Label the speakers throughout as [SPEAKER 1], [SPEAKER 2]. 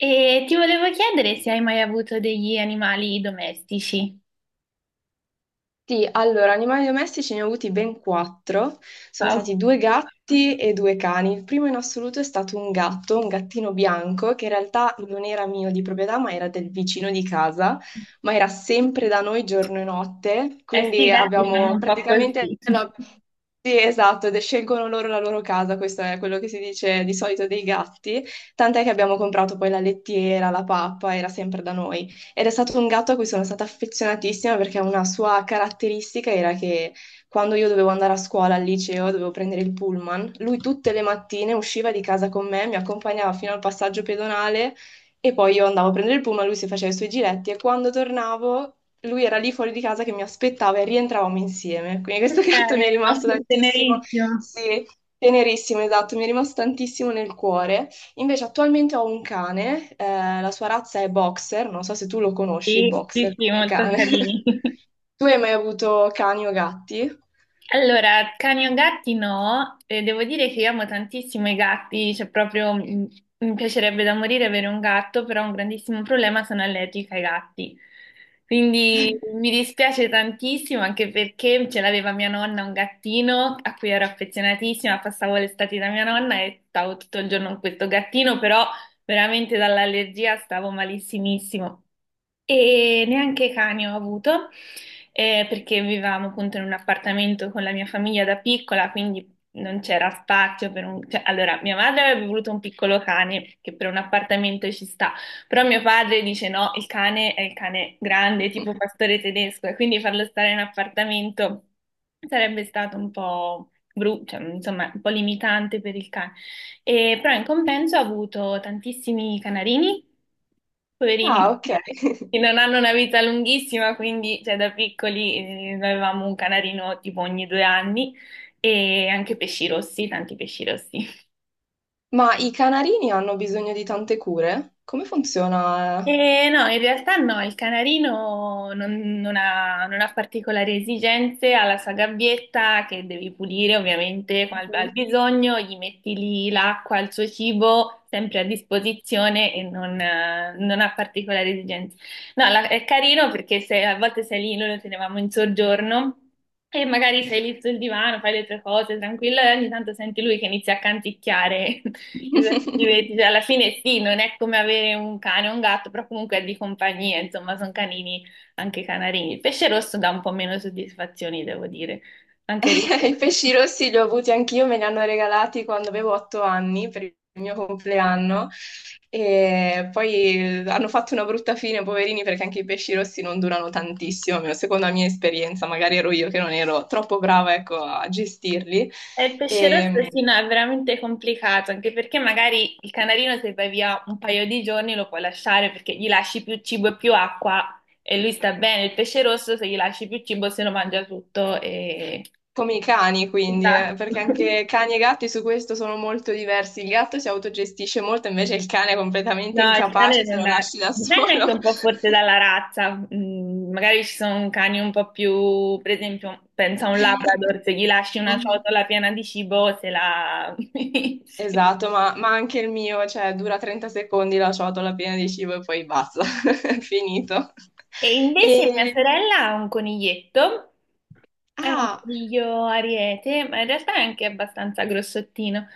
[SPEAKER 1] E ti volevo chiedere se hai mai avuto degli animali domestici.
[SPEAKER 2] Sì, allora, animali domestici ne ho avuti ben quattro. Sono
[SPEAKER 1] Wow.
[SPEAKER 2] stati due gatti e due cani. Il primo in assoluto è stato un gatto, un gattino bianco, che in realtà non era mio di proprietà, ma era del vicino di casa, ma era sempre da noi giorno e notte.
[SPEAKER 1] Eh sì, i
[SPEAKER 2] Quindi
[SPEAKER 1] gatti fanno
[SPEAKER 2] abbiamo
[SPEAKER 1] un po' così.
[SPEAKER 2] praticamente sì, esatto, ed scelgono loro la loro casa, questo è quello che si dice di solito dei gatti, tant'è che abbiamo comprato poi la lettiera, la pappa, era sempre da noi. Ed è stato un gatto a cui sono stata affezionatissima perché una sua caratteristica era che quando io dovevo andare a scuola, al liceo, dovevo prendere il pullman, lui tutte le mattine usciva di casa con me, mi accompagnava fino al passaggio pedonale e poi io andavo a prendere il pullman, lui si faceva i suoi giretti e quando tornavo lui era lì fuori di casa che mi aspettava e rientravamo insieme. Quindi questo gatto mi è
[SPEAKER 1] Tenero,
[SPEAKER 2] rimasto tantissimo,
[SPEAKER 1] tenerissimo.
[SPEAKER 2] sì, tenerissimo, esatto, mi è rimasto tantissimo nel cuore. Invece attualmente ho un cane, la sua razza è boxer, non so se tu lo conosci, il
[SPEAKER 1] Sì, sì,
[SPEAKER 2] boxer
[SPEAKER 1] sì,
[SPEAKER 2] come
[SPEAKER 1] molto
[SPEAKER 2] cane.
[SPEAKER 1] carini.
[SPEAKER 2] Tu hai mai avuto cani o gatti?
[SPEAKER 1] Allora, cani o gatti no, e devo dire che io amo tantissimo i gatti, cioè proprio mi piacerebbe da morire avere un gatto, però un grandissimo problema sono allergica ai gatti. Quindi mi dispiace tantissimo anche perché ce l'aveva mia nonna un gattino a cui ero affezionatissima, passavo l'estate da mia nonna e stavo tutto il giorno con questo gattino, però veramente dall'allergia stavo malissimissimo. E neanche cani ho avuto, perché vivevamo appunto in un appartamento con la mia famiglia da piccola, quindi non c'era spazio per un... cioè, allora, mia madre avrebbe voluto un piccolo cane, che per un appartamento ci sta, però mio padre dice no, il cane è il cane grande, tipo pastore tedesco, e quindi farlo stare in appartamento sarebbe stato un po' brutto, insomma, un po' limitante per il cane. E, però in compenso ha avuto tantissimi canarini,
[SPEAKER 2] Ah,
[SPEAKER 1] poverini,
[SPEAKER 2] ok.
[SPEAKER 1] che non hanno una vita lunghissima, quindi cioè, da piccoli avevamo un canarino tipo ogni due anni e anche pesci rossi, tanti pesci rossi.
[SPEAKER 2] Ma i canarini hanno bisogno di tante cure? Come funziona?
[SPEAKER 1] No, in realtà no, il canarino non ha particolari esigenze, ha la sua gabbietta che devi pulire ovviamente al,
[SPEAKER 2] Mhm.
[SPEAKER 1] al bisogno, gli metti lì l'acqua, il suo cibo sempre a disposizione e non ha particolari esigenze. No, è carino perché se, a volte sei lì, noi lo tenevamo in soggiorno e magari sei lì sul divano, fai le tue cose tranquillo e ogni tanto senti lui che inizia a canticchiare. Divertimenti, cioè, alla fine sì, non è come avere un cane o un gatto, però comunque è di compagnia, insomma, sono canini anche canarini. Il pesce rosso dà un po' meno soddisfazioni, devo dire, anche
[SPEAKER 2] I
[SPEAKER 1] rispetto.
[SPEAKER 2] pesci rossi li ho avuti anch'io, me li hanno regalati quando avevo 8 anni per il mio compleanno e poi hanno fatto una brutta fine, poverini, perché anche i pesci rossi non durano tantissimo, almeno secondo la mia esperienza, magari ero io che non ero troppo brava, ecco, a gestirli.
[SPEAKER 1] E il pesce rosso
[SPEAKER 2] E,
[SPEAKER 1] sì, no, è veramente complicato, anche perché magari il canarino se vai via un paio di giorni lo puoi lasciare perché gli lasci più cibo e più acqua e lui sta bene. Il pesce rosso se gli lasci più cibo se lo mangia tutto e...
[SPEAKER 2] come i cani, quindi,
[SPEAKER 1] Esatto.
[SPEAKER 2] perché anche cani e gatti su questo sono molto diversi. Il gatto si autogestisce molto, invece il cane è completamente
[SPEAKER 1] No, il cane
[SPEAKER 2] incapace se
[SPEAKER 1] non
[SPEAKER 2] lo
[SPEAKER 1] è...
[SPEAKER 2] lasci da
[SPEAKER 1] Dipende anche
[SPEAKER 2] solo.
[SPEAKER 1] un po' forse dalla razza. Magari ci sono cani un po' più, per esempio, pensa a un Labrador, se gli lasci una
[SPEAKER 2] Mhm.
[SPEAKER 1] ciotola piena di cibo, se la...
[SPEAKER 2] Esatto, ma anche il mio, cioè, dura 30 secondi la ciotola piena di cibo e poi basta, è finito.
[SPEAKER 1] E invece mia
[SPEAKER 2] E,
[SPEAKER 1] sorella ha un coniglietto, è un
[SPEAKER 2] ah,
[SPEAKER 1] coniglio ariete, ma in realtà è anche abbastanza grossottino.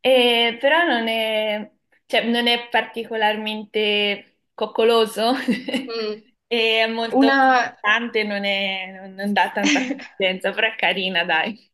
[SPEAKER 1] Però non è, cioè, non è particolarmente coccoloso,
[SPEAKER 2] mm,
[SPEAKER 1] e è molto
[SPEAKER 2] una,
[SPEAKER 1] scottante, non è- non- non dà tanta consistenza, però è carina, dai.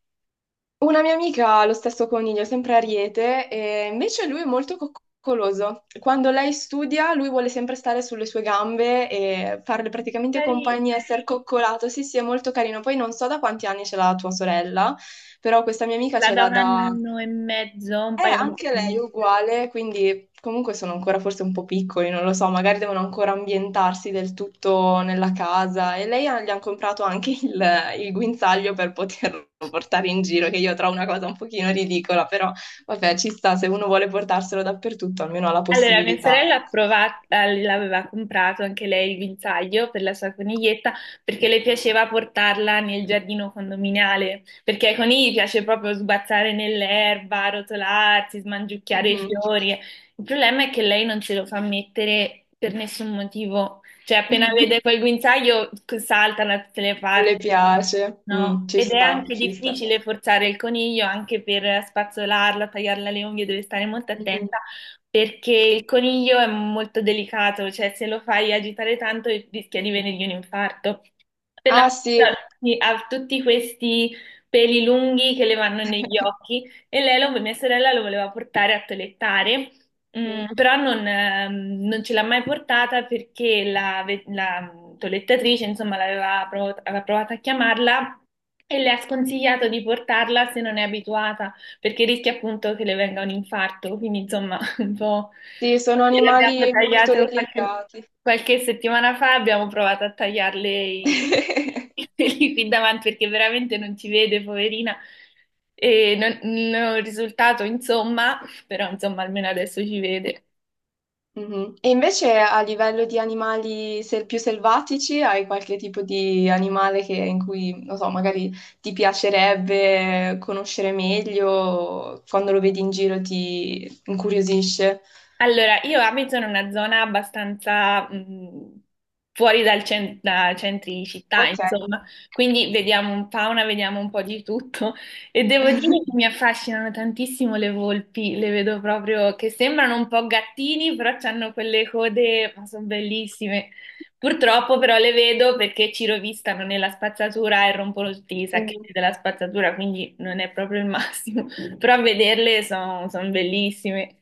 [SPEAKER 2] una mia amica ha lo stesso coniglio, sempre Ariete, e invece lui è molto coccoloso. Quando lei studia, lui vuole sempre stare sulle sue gambe e farle praticamente compagnia,
[SPEAKER 1] Carina,
[SPEAKER 2] essere coccolato. Sì, sì, è molto carino. Poi non so da quanti anni ce l'ha tua sorella, però questa mia amica
[SPEAKER 1] la
[SPEAKER 2] ce
[SPEAKER 1] da
[SPEAKER 2] l'ha
[SPEAKER 1] un
[SPEAKER 2] da...
[SPEAKER 1] anno e mezzo, un paio
[SPEAKER 2] Anche lei è
[SPEAKER 1] d'anni.
[SPEAKER 2] uguale, quindi comunque sono ancora forse un po' piccoli, non lo so, magari devono ancora ambientarsi del tutto nella casa e lei ha- gli hanno comprato anche il guinzaglio per poterlo portare in giro, che io trovo una cosa un pochino ridicola, però vabbè, ci sta, se uno vuole portarselo dappertutto, almeno ha la eh,
[SPEAKER 1] Allora, mia
[SPEAKER 2] possibilità.
[SPEAKER 1] sorella ha provato, l'aveva comprato anche lei il guinzaglio per la sua coniglietta perché le piaceva portarla nel giardino condominiale, perché ai conigli piace proprio sbazzare nell'erba, rotolarsi, smangiucchiare i
[SPEAKER 2] Mhm.
[SPEAKER 1] fiori. Il problema è che lei non ce lo fa mettere per nessun motivo, cioè appena vede quel guinzaglio salta da tutte le
[SPEAKER 2] Non
[SPEAKER 1] parti.
[SPEAKER 2] le piace. Mm,
[SPEAKER 1] No,
[SPEAKER 2] ci
[SPEAKER 1] ed è
[SPEAKER 2] sta,
[SPEAKER 1] anche
[SPEAKER 2] ci sta.
[SPEAKER 1] difficile forzare il coniglio anche per spazzolarla, tagliarla le unghie, deve stare molto
[SPEAKER 2] Mhm.
[SPEAKER 1] attenta perché il coniglio è molto delicato, cioè se lo fai agitare tanto rischia di venirgli un infarco. Per la
[SPEAKER 2] Ah sì.
[SPEAKER 1] sì, ha tutti questi peli lunghi che le vanno negli occhi e lei, mia sorella, lo voleva portare a toelettare, però non ce l'ha mai portata perché la toelettatrice, insomma, aveva provato a chiamarla e le ha sconsigliato di portarla se non è abituata perché rischia appunto che le venga un infarto, quindi insomma un po'.
[SPEAKER 2] Sì, sono
[SPEAKER 1] Le abbiamo
[SPEAKER 2] animali molto
[SPEAKER 1] tagliate qualche,
[SPEAKER 2] delicati.
[SPEAKER 1] qualche settimana fa, abbiamo provato a tagliarle i, i peli qui davanti perché veramente non ci vede, poverina. E non ho risultato, insomma, però insomma almeno adesso ci vede.
[SPEAKER 2] Mhm. E invece a livello di animali sel- più selvatici, hai qualche tipo di animale che- in cui, non so, magari ti piacerebbe conoscere meglio, o quando lo vedi in giro ti incuriosisce?
[SPEAKER 1] Allora, io abito in una zona abbastanza fuori da centri città,
[SPEAKER 2] Ok.
[SPEAKER 1] insomma, quindi vediamo un po' di tutto e devo dire che mi affascinano tantissimo le volpi, le vedo proprio che sembrano un po' gattini, però hanno quelle code, ma sono bellissime. Purtroppo però le vedo perché ci rovistano nella spazzatura e rompono tutti i sacchetti della spazzatura, quindi non è proprio il massimo, però a vederle sono bellissime.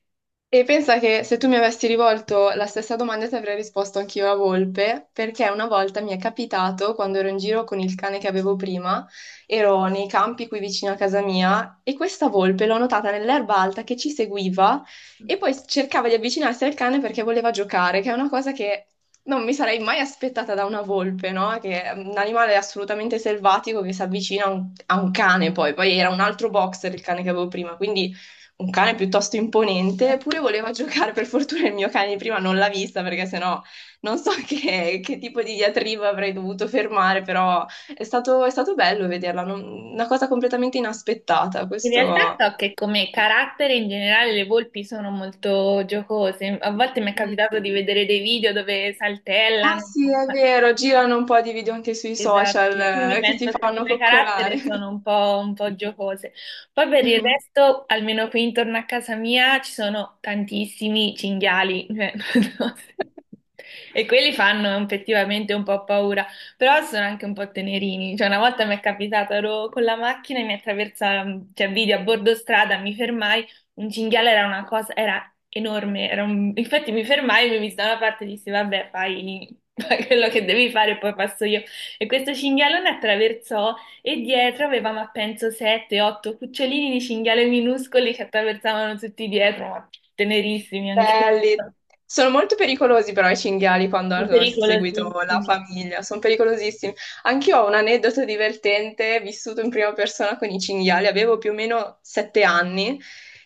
[SPEAKER 2] E pensa che se tu mi avessi rivolto la stessa domanda ti avrei risposto anch'io la volpe, perché una volta mi è capitato, quando ero in giro con il cane che avevo prima, ero nei campi qui vicino a casa mia e questa volpe l'ho notata nell'erba alta che ci seguiva e poi cercava di avvicinarsi al cane perché voleva giocare, che è una cosa che non mi sarei mai aspettata da una volpe, no? Che è un animale assolutamente selvatico che si avvicina a un cane poi, poi era un altro boxer il cane che avevo prima, quindi un cane piuttosto imponente, eppure voleva giocare. Per fortuna il mio cane di prima non l'ha vista perché sennò non so che tipo di diatriba avrei dovuto fermare, però è stato bello vederla, non- una cosa completamente inaspettata.
[SPEAKER 1] In realtà
[SPEAKER 2] Questo...
[SPEAKER 1] so che come carattere in generale le volpi sono molto giocose, a volte mi è
[SPEAKER 2] Mm.
[SPEAKER 1] capitato di vedere dei video dove
[SPEAKER 2] Ah
[SPEAKER 1] saltellano.
[SPEAKER 2] sì, è vero, girano un po' di video anche sui social
[SPEAKER 1] Esatto, quindi
[SPEAKER 2] che si
[SPEAKER 1] penso che
[SPEAKER 2] fanno
[SPEAKER 1] come
[SPEAKER 2] coccolare.
[SPEAKER 1] carattere sono un po' giocose. Poi per il resto, almeno qui intorno a casa mia, ci sono tantissimi cinghiali, cioè, non so se- e quelli fanno effettivamente un po' paura, però sono anche un po' tenerini. Cioè, una volta mi è capitato, ero con la macchina e mi attraversa, cioè, vidi a bordo strada, mi fermai, un cinghiale era una cosa, era enorme, infatti mi fermai, mi visi da una parte e dissi, vabbè, fai fai quello che devi fare e poi passo io. E questo cinghialone attraversò e dietro aveva,
[SPEAKER 2] Mhm.
[SPEAKER 1] ma penso, sette, otto cucciolini di cinghiale minuscoli che attraversavano tutti dietro, ma tenerissimi anche,
[SPEAKER 2] Belli. Sono molto pericolosi però i cinghiali quando hanno seguito la
[SPEAKER 1] pericolosissimi.
[SPEAKER 2] famiglia, sono pericolosissimi. Anch'io ho un aneddoto divertente, vissuto in prima persona con i cinghiali, avevo più o meno 7 anni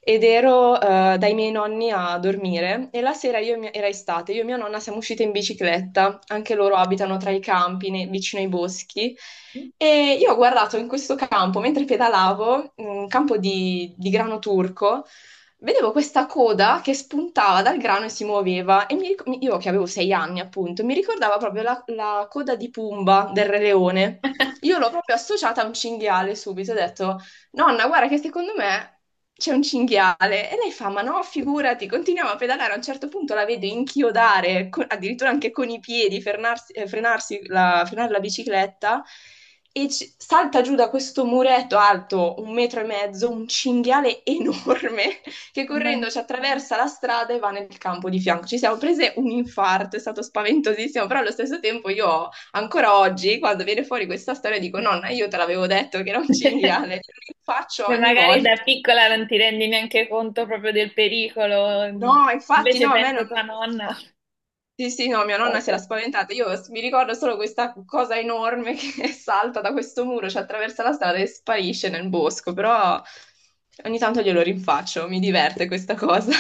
[SPEAKER 2] ed ero dai miei nonni a dormire e la sera io e mia- era estate, io e mia nonna siamo uscite in bicicletta, anche loro abitano tra i campi, ne- vicino ai boschi. E io ho guardato in questo campo, mentre pedalavo, un campo di grano turco, vedevo questa coda che spuntava dal grano e si muoveva e mi ric- mi- io che avevo 6 anni appunto, mi ricordava proprio la, la coda di Pumba del Re Leone. Io l'ho proprio associata a un cinghiale subito, ho detto, nonna, guarda che secondo me c'è un cinghiale. E lei fa, ma no, figurati, continuiamo a pedalare, a un certo punto la vedo inchiodare, co- addirittura anche con i piedi, frenarsi, frenarsi la, frenare la bicicletta e ci- salta giù da questo muretto alto 1,5 metri, un cinghiale enorme che
[SPEAKER 1] Mamma mia.
[SPEAKER 2] correndo ci attraversa la strada e va nel campo di fianco. Ci siamo prese un infarto, è stato spaventosissimo, però allo stesso tempo io ancora oggi, quando viene fuori questa storia, dico nonna, io te l'avevo detto che era un cinghiale, lo faccio
[SPEAKER 1] Cioè,
[SPEAKER 2] ogni
[SPEAKER 1] magari
[SPEAKER 2] volta.
[SPEAKER 1] da piccola non ti rendi neanche conto proprio del pericolo,
[SPEAKER 2] No, infatti
[SPEAKER 1] invece
[SPEAKER 2] no, a me
[SPEAKER 1] penso
[SPEAKER 2] non...
[SPEAKER 1] tua nonna.
[SPEAKER 2] Sì, sì, no, mia nonna si era
[SPEAKER 1] Povera.
[SPEAKER 2] spaventata. Io s- mi ricordo solo questa cosa enorme che salta da questo muro, ci attraversa la strada e sparisce nel bosco, però ogni tanto glielo rinfaccio, mi diverte questa cosa.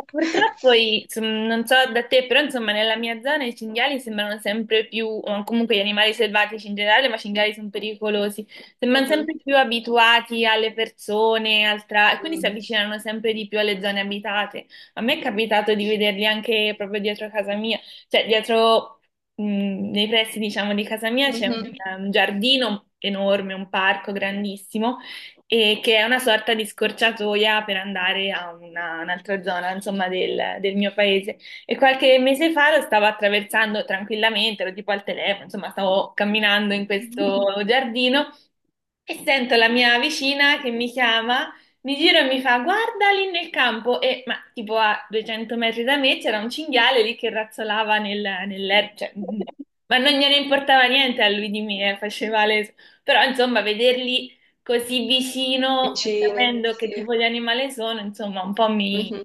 [SPEAKER 1] Purtroppo, insomma, non so da te, però insomma nella mia zona i cinghiali sembrano sempre più, o comunque gli animali selvatici in generale, ma i cinghiali sono pericolosi, sembrano
[SPEAKER 2] Mhm.
[SPEAKER 1] sempre più abituati alle persone, e quindi si
[SPEAKER 2] Mm.
[SPEAKER 1] avvicinano sempre di più alle zone abitate. A me è capitato di vederli anche proprio dietro casa mia, cioè dietro, nei pressi diciamo di casa mia c'è un,
[SPEAKER 2] Mhm.
[SPEAKER 1] un giardino enorme, un parco grandissimo e che è una sorta di scorciatoia per andare un'altra zona, insomma, del mio paese. E qualche mese fa lo stavo attraversando tranquillamente, ero tipo al telefono, insomma, stavo camminando in questo giardino e sento la mia vicina che mi chiama. Mi giro e mi fa, guarda lì nel campo, e ma tipo a 200 metri da me c'era un cinghiale lì che razzolava nell'erba, cioè, ma non gliene importava niente a lui di me, faceva le... Però insomma, vederli così vicino e
[SPEAKER 2] Vicini,
[SPEAKER 1] sapendo che
[SPEAKER 2] sì.
[SPEAKER 1] tipo di animale sono, insomma, un po' mi...
[SPEAKER 2] Mhm.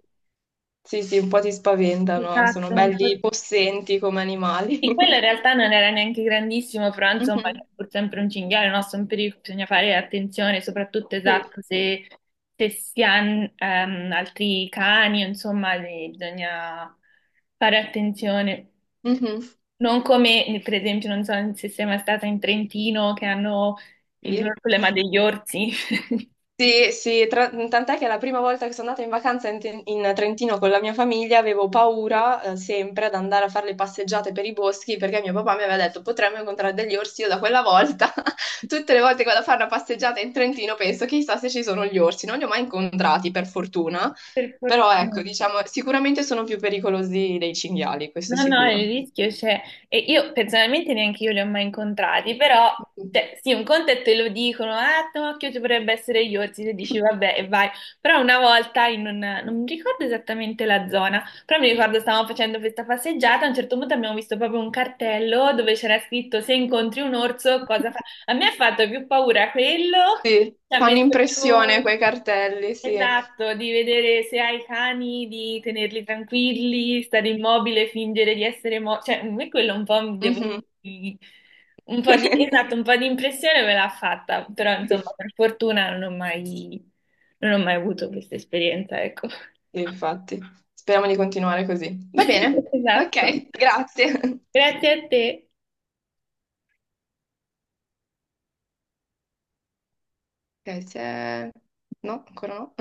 [SPEAKER 2] Sì, sì, un po' ti spaventano, sono
[SPEAKER 1] Esatto, un po'.
[SPEAKER 2] belli possenti come animali.
[SPEAKER 1] Sì, quello in realtà non era neanche grandissimo, però insomma, è
[SPEAKER 2] Mhm.
[SPEAKER 1] pur sempre un cinghiale, no? Sono pericoli, bisogna fare attenzione, soprattutto
[SPEAKER 2] Sì.
[SPEAKER 1] esatto, se si hanno altri cani, insomma, bisogna fare attenzione.
[SPEAKER 2] Mhm.
[SPEAKER 1] Non come, per esempio, non so se sei mai stata in Trentino, che hanno il
[SPEAKER 2] Sì.
[SPEAKER 1] problema degli orsi.
[SPEAKER 2] Sì, sì, tra- tant'è che la prima volta che sono andata in vacanza in, Ten- in Trentino con la mia famiglia avevo paura, sempre ad andare a fare le passeggiate per i boschi perché mio papà mi aveva detto potremmo incontrare degli orsi. Io da quella volta, tutte le volte che vado a fare una passeggiata in Trentino, penso chissà se ci sono gli orsi. Non li ho mai incontrati, per fortuna,
[SPEAKER 1] Per
[SPEAKER 2] però ecco,
[SPEAKER 1] fortuna.
[SPEAKER 2] diciamo, sicuramente sono più pericolosi dei cinghiali, questo
[SPEAKER 1] No, no,
[SPEAKER 2] sicuro.
[SPEAKER 1] il rischio c'è. E io personalmente neanche io li ho mai incontrati, però, cioè, sì, un conto è te lo dicono, ah, no, occhio, ci potrebbe essere gli orsi, se dici vabbè e vai. Però una volta, non mi ricordo esattamente la zona, però mi ricordo stavamo facendo questa passeggiata, a un certo punto abbiamo visto proprio un cartello dove c'era scritto se incontri un orso cosa a me ha fatto più paura quello,
[SPEAKER 2] Sì,
[SPEAKER 1] ci ha
[SPEAKER 2] fanno
[SPEAKER 1] messo
[SPEAKER 2] impressione quei
[SPEAKER 1] più...
[SPEAKER 2] cartelli, sì.
[SPEAKER 1] Esatto, di vedere se hai i cani, di tenerli tranquilli, stare immobile, fingere di essere morto. Cioè, a me quello un po' mi devo
[SPEAKER 2] Mhm.
[SPEAKER 1] dire, un po' di, esatto, un po' di impressione me l'ha fatta, però insomma,
[SPEAKER 2] Sì.
[SPEAKER 1] per fortuna non ho mai avuto questa esperienza, ecco.
[SPEAKER 2] Infatti, speriamo di continuare così. Va bene?
[SPEAKER 1] Esatto.
[SPEAKER 2] Ok, grazie.
[SPEAKER 1] Grazie a te.
[SPEAKER 2] Ok, se... No, ancora no.